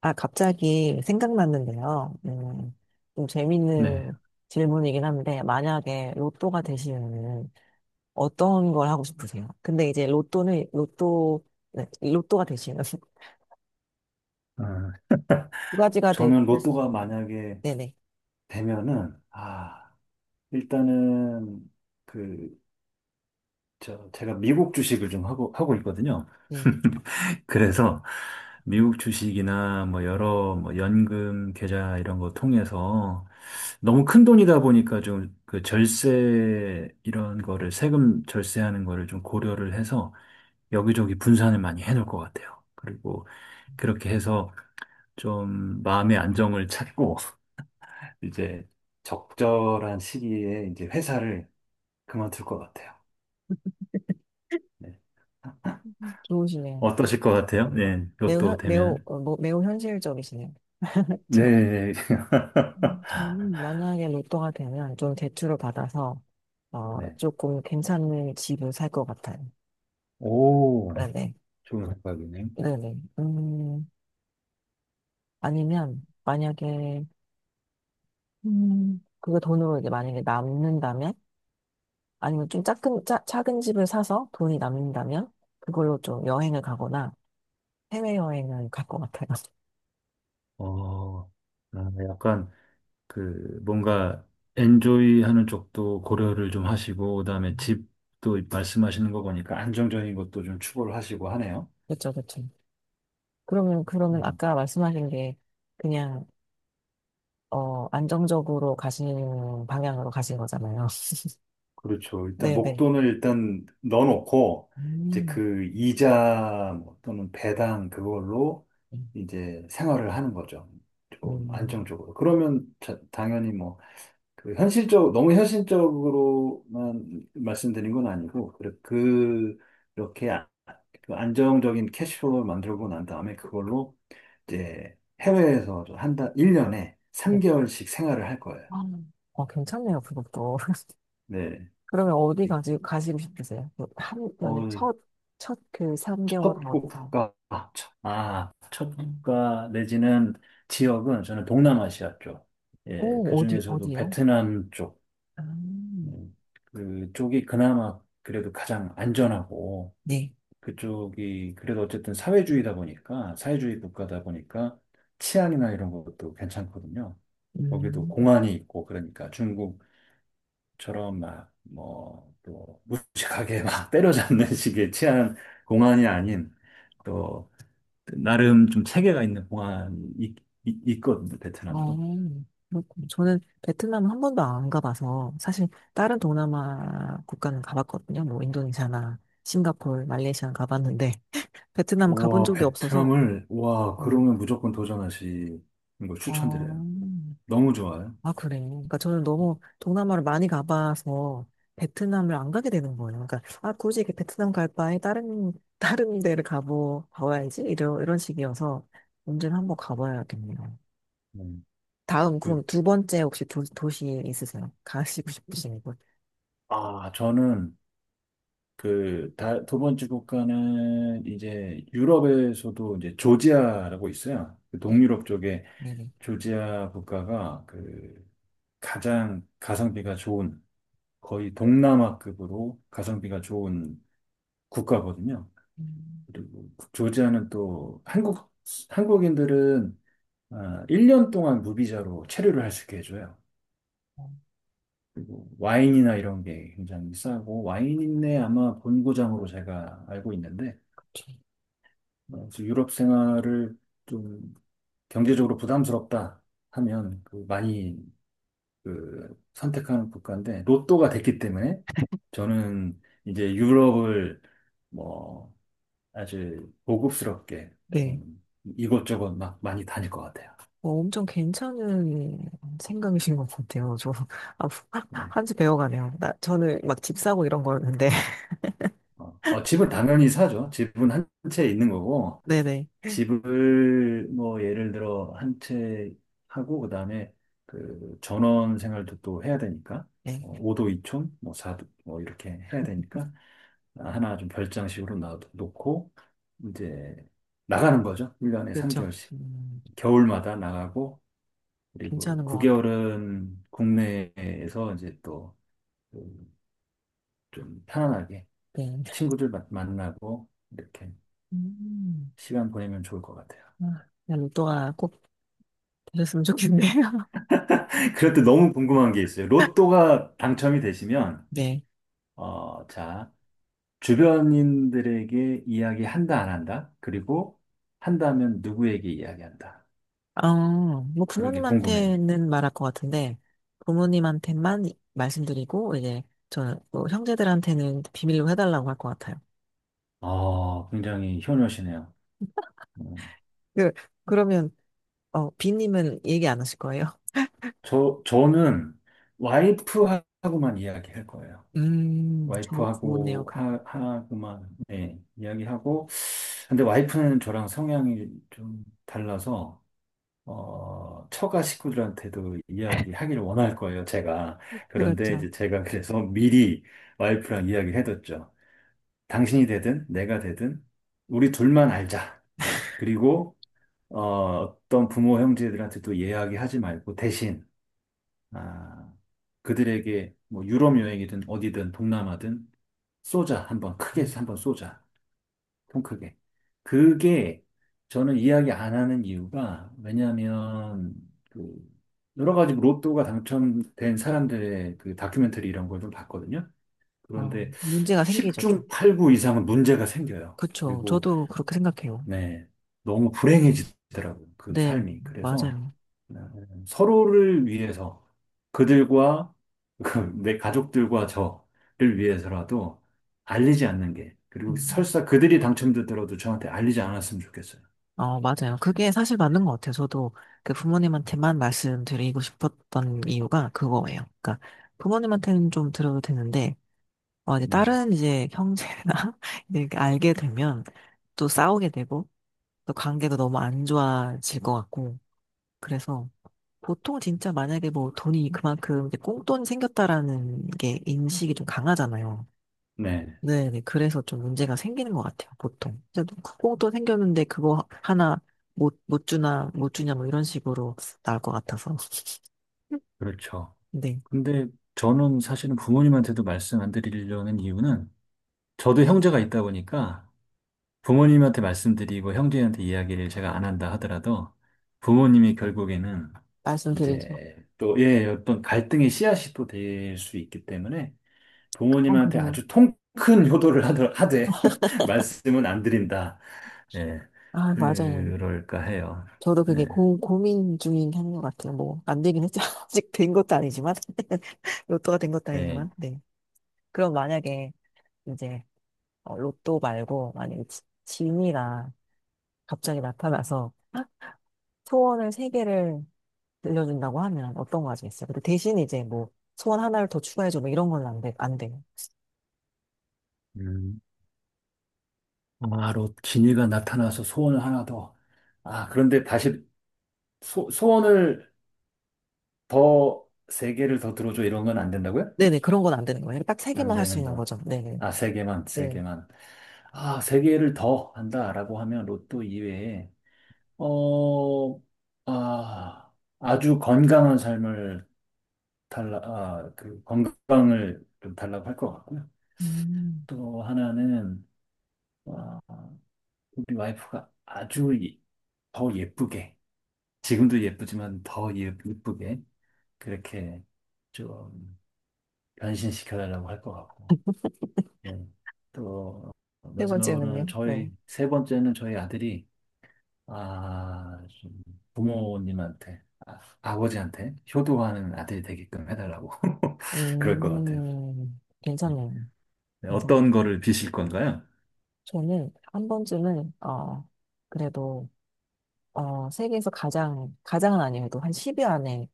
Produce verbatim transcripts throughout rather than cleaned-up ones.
아, 갑자기 생각났는데요. 음, 좀 네. 재밌는 질문이긴 한데, 만약에 로또가 되시면은 어떤 걸 하고 싶으세요? 근데 이제 로또는, 로또, 네, 로또가 되시면 어, 두 가지가 될 저는 수 로또가 있어요. 만약에 네네. 되면은, 아, 일단은, 그, 저, 제가 미국 주식을 좀 하고, 하고 있거든요. 네. 그래서 미국 주식이나 뭐 여러 뭐 연금 계좌 이런 거 통해서 너무 큰 돈이다 보니까 좀 그 절세 이런 거를 세금 절세하는 거를 좀 고려를 해서 여기저기 분산을 많이 해놓을 것 같아요. 그리고 그렇게 해서 좀 마음의 안정을 찾고 이제 적절한 시기에 이제 회사를 그만둘 것 같아요. 네. 음. 좋으시네요. 어떠실 것 같아요? 네, 매우, 로또 현, 매우, 되면. 어, 뭐, 매우 현실적이시네요. 그렇죠. 네. 저는 만약에 로또가 되면 좀 대출을 받아서, 어, 네. 조금 괜찮은 집을 살 것 같아요. 오, 네네. 좋은 생각이네요. 네네. 음, 아니면 만약에 음, 그거 돈으로 이제 만약에 남는다면, 아니면 좀 작은 짜, 작은 집을 사서 돈이 남는다면 그걸로 좀 여행을 가거나 해외 여행을 갈 것 같아요. 어, 아, 약간 그 뭔가 엔조이 하는 쪽도 고려를 좀 하시고, 그다음에 음, 집도 말씀하시는 거 보니까 안정적인 것도 좀 추구를 하시고 하네요. 그렇죠, 그렇죠. 그러면 그러면 음. 아까 말씀하신 게 그냥 어 안정적으로 가시는 방향으로 가신 거잖아요. 그렇죠. 일단 네, 네. 목돈을 일단 넣어놓고 이제 음. 그 이자 뭐 또는 배당 그걸로 이제 생활을 하는 거죠. 좀 음. 안정적으로. 그러면 자- 당연히 뭐 그 현실적 너무 현실적으로만 말씀드린 건 아니고 그 그 이렇게 아- 그 안정적인 캐시플로우를 만들고 난 다음에 그걸로 이제 해외에서 한 달, 일 년에 네. 삼 개월씩 생활을 할 거예요. 아, 어, 괜찮네요, 그것도. 네. 그러면 어디 가지, 가시고 싶으세요? 그 한, 어, 만약 첫, 첫 그 첫 삼 개월은 어디 가? 국가, 아, 첫 아, 국가 내지는 지역은 저는 동남아시아 쪽, 예, 그 오, 어디, 중에서도 어디야? 베트남 쪽, 아, 음, 그쪽이 그나마 그래도 가장 안전하고, 네. 그쪽이 그래도 어쨌든 사회주의다 보니까, 사회주의 국가다 보니까 치안이나 이런 것도 괜찮거든요. 거기도 음, 공안이 있고, 그러니까 중국처럼 막, 뭐, 또 무식하게 막 때려잡는 식의 치안 공안이 아닌, 또 나름 좀 체계가 있는 공항이 있- 있- 있거든요, 어, 베트남도. 그렇군요. 저는 베트남 한 번도 안 가봐서 사실 다른 동남아 국가는 가봤거든요. 뭐 인도네시아나 싱가포르, 말레이시아는 가봤는데 베트남 가본 와, 적이 없어서. 베트남을, 와, 음. 그러면 무조건 도전하시는 걸 어, 추천드려요. 너무 좋아요. 아, 그래. 그러니까 저는 너무 동남아를 많이 가봐서 베트남을 안 가게 되는 거예요. 그러니까, 아, 굳이 이렇게 베트남 갈 바에 다른, 다른 데를 가보, 가봐야지. 이런, 이런 식이어서 언제는 한번 가봐야겠네요. 음. 다음, 그, 그럼 두 번째 혹시 도, 도시 있으세요? 가시고 싶으신 곳? 아, 저는 그, 다, 두 번째 국가는 이제 유럽에서도 이제 조지아라고 있어요. 그 네, 동유럽 쪽에 네네. 조지아 국가가 그 가장 가성비가 좋은, 거의 동남아급으로 가성비가 좋은 국가거든요. 음, 그리고 조지아는 또 한국, 한국인들은 아, 일 년 동안 무비자로 체류를 할 수 있게 해줘요. 그리고 와인이나 이런 게 굉장히 싸고, 와인인데 아마 본고장으로 제가 알고 있는데, 그쵸. 어, 그래서 유럽 생활을 좀 경제적으로 부담스럽다 하면 그 많이 그 선택하는 국가인데, 로또가 됐기 때문에 저는 이제 유럽을 뭐 아주 고급스럽게 네. 좀 이것저것 막 많이 다닐 것 같아요. 뭐 엄청 괜찮은 생각이신 것 같아요. 저, 아, 네. 한수 배워가네요. 나, 저는 막 집 사고 이런 거였는데. 어, 어, 집은 당연히 사죠. 집은 한 채 있는 거고, 네네. 집을 뭐 예를 들어 한 채 하고, 그 다음에 그 전원 생활도 또 해야 되니까, 네. 어, 오 도 이 촌, 뭐 사 도, 뭐 이렇게 해야 되니까, 하나 좀 별장식으로 놔놓고, 이제 나가는 거죠. 일 년에 그렇죠. 삼 개월씩. 음. 겨울마다 나가고, 그리고 괜찮은 것 같아. 구 개월은 국내에서 이제 또 그 좀 편안하게 네. 친구들 마- 만나고 이렇게 음. 시간 보내면 좋을 것 같아요. 아, 그냥 로또가 꼭 되셨으면 좋겠네요. 그럴 때 너무 궁금한 게 있어요. 로또가 당첨이 되시면, 네. 어, 자, 주변인들에게 이야기한다, 안 한다? 그리고 한다면 누구에게 이야기한다? 어, 뭐 그런 게 궁금해요. 부모님한테는 말할 것 같은데, 부모님한테만 말씀드리고, 이제, 저는 뭐 형제들한테는 비밀로 해달라고 할 것 같아요. 아, 굉장히 효녀시네요. 음, 그, 그러면, 어, 비님은 얘기 안 하실 거예요? 저, 저는 와이프하고만 이야기할 거예요. 음, 저, 좋네요. 와이프하고 그, 하, 하고만 네, 이야기하고 근데 와이프는 저랑 성향이 좀 달라서 어, 처가 식구들한테도 이야기하기를 원할 거예요, 제가. 그런데 그렇죠. 이제 제가 그래서 미리 와이프랑 이야기해뒀죠. 당신이 되든 내가 되든 우리 둘만 알자. 그리고 어, 어떤 부모 형제들한테도 이야기하지 말고 대신 아, 그들에게 뭐 유럽 여행이든 어디든 동남아든 쏘자 한번 크게 음, 한번 쏘자 통 크게 그게 저는 이야기 안 하는 이유가 왜냐하면 그 여러 가지 뭐 로또가 당첨된 사람들의 그 다큐멘터리 이런 걸 좀 봤거든요. 어, 그런데 문제가 생기죠, 좀. 십중 팔구 이상은 문제가 생겨요. 그쵸. 그리고 저도 그렇게 생각해요. 네, 너무 불행해지더라고요. 그 네, 삶이. 그래서 맞아요. 네, 서로를 위해서 그들과 그 내 가족들과 저를 위해서라도 알리지 않는 게 그리고 음. 설사 그들이 당첨되더라도 저한테 알리지 않았으면 좋겠어요. 어, 맞아요. 그게 사실 맞는 것 같아요. 저도 그 부모님한테만 말씀드리고 싶었던 이유가 그거예요. 그러니까 부모님한테는 좀 들어도 되는데, 어, 이제 네, 다른 이제 형제나 이제 이렇게 알게 되면 또 싸우게 되고, 또 관계도 너무 안 좋아질 것 같고, 그래서 보통 진짜 만약에 뭐 돈이 그만큼 이제 꽁돈이 생겼다라는 게 인식이 좀 강하잖아요. 네, 네, 네. 그래서 좀 문제가 생기는 것 같아요, 보통. 진짜 콩도 생겼는데 그거 하나 못, 못 주나, 못 주냐, 뭐 이런 식으로 나올 것 같아서. 그렇죠. 네, 근데 저는 사실은 부모님한테도 말씀 안 드리려는 이유는 저도 형제가 있다 보니까 부모님한테 말씀드리고 형제한테 이야기를 제가 안 한다 하더라도 부모님이 결국에는 말씀드리죠. 이제 또, 예, 어떤 갈등의 씨앗이 또 될 수 있기 때문에 어, 부모님한테 그럼. 아주 통 큰 효도를 하더, 하되 말씀은 안 드린다. 예, 아, 맞아요. 그럴까 해요. 저도 네, 그게 고, 고민 중인 게 하는 것 같아요. 뭐, 안 되긴 했죠. 아직 된 것도 아니지만. 로또가 된 것도 네. 아니지만. 네. 그럼 만약에 이제, 어, 로또 말고, 만약에 지, 진이가 갑자기 나타나서 소원을 세 개를 들려준다고 하면 어떤 거 하시겠어요? 근데 대신 이제 뭐 소원 하나를 더 추가해줘 뭐 이런 건 안 돼, 안 돼요. 음, 바로 진이가 나타나서 소원을 하나 더. 아, 그런데 다시 소, 소원을 더 세 개를 더 들어줘 이런 건 안 된다고요? 네네, 그런 건 안 되는 거예요. 딱 세 안 개만 할 수 되는 있는 거. 거죠. 네네. 아, 세 개만, 세 네. 개만. 아, 세 개를 더 한다라고 하면 로또 이외에 어, 아, 아주 건강한 삶을 달라, 아, 그 건강을 좀 달라고 할 것 같고요. 음. 또 하나는, 아, 우리 와이프가 아주 이- 더 예쁘게, 지금도 예쁘지만 더 예- 예쁘게, 그렇게 좀 변신시켜달라고 할 것 같고, 예. 또, 세 마지막으로는 번째는요? 네. 저희, 세 번째는 저희 아들이 아, 좀 부모님한테, 아, 아버지한테 효도하는 아들이 되게끔 해달라고. 그럴 것 같아요. 음, 괜찮네요. 네, 괜찮아요. 어떤 거를 비실 건가요? 저는 한 번쯤은, 어, 그래도, 어, 세계에서 가장, 가장은 아니어도 한 십 위 안에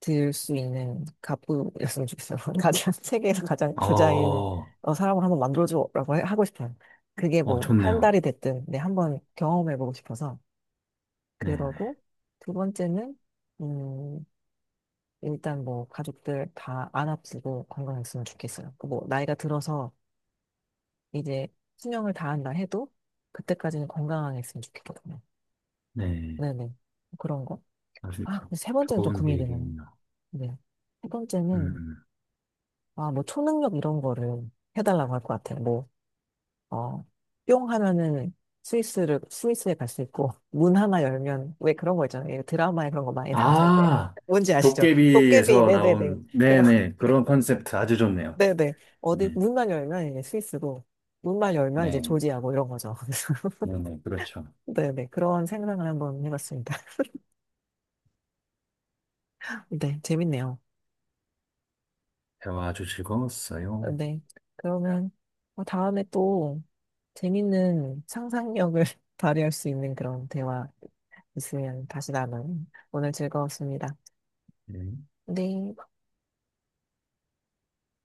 들 수 있는 갑부였으면 좋겠어요. 가장, 세계에서 가장 부자인 어, 어, 사람을 한번 만들어주라고 해- 하고 싶어요. 그게 어, 뭐, 한 좋네요. 달이 됐든, 네, 한번 경험해보고 싶어서. 네, 그러고, 두 번째는, 음, 일단 뭐, 가족들 다 안 아프고 건강했으면 좋겠어요. 그 뭐, 나이가 들어서 이제 수명을 다한다 해도, 그때까지는 건강하게 했으면 좋겠거든요. 네. 네. 네네. 그런 거. 아주 아, 근데 세 번째는 좀 좋은 고민이 되네요. 계획이네요. 네. 세 음. 번째는, 음. 아, 뭐 초능력 이런 거를 해달라고 할 것 같아요. 뭐, 어, 뿅 하면은 스위스를, 스위스에 갈 수 있고, 문 하나 열면, 왜 그런 거 있잖아요. 드라마에 그런 거 많이 나오는데. 아, 뭔지 아시죠? 도깨비, 도깨비에서 네네네. 나온, 그런, 네네. 게. 그런 컨셉트 아주 좋네요. 네네. 어디, 네, 문만 열면 이제 스위스고, 문만 열면 이제 네. 조지하고 이런 거죠. 네네. 그래서 그렇죠. 네네. 그런 생각을 한번 해봤습니다. 네, 재밌네요. 대화 아주 어, 즐거웠어요. 네. 그러면 어, 다음에 또 재밌는 상상력을 발휘할 수 있는 그런 대화 있으면 다시 나눠요. 오늘 즐거웠습니다. 네. 네.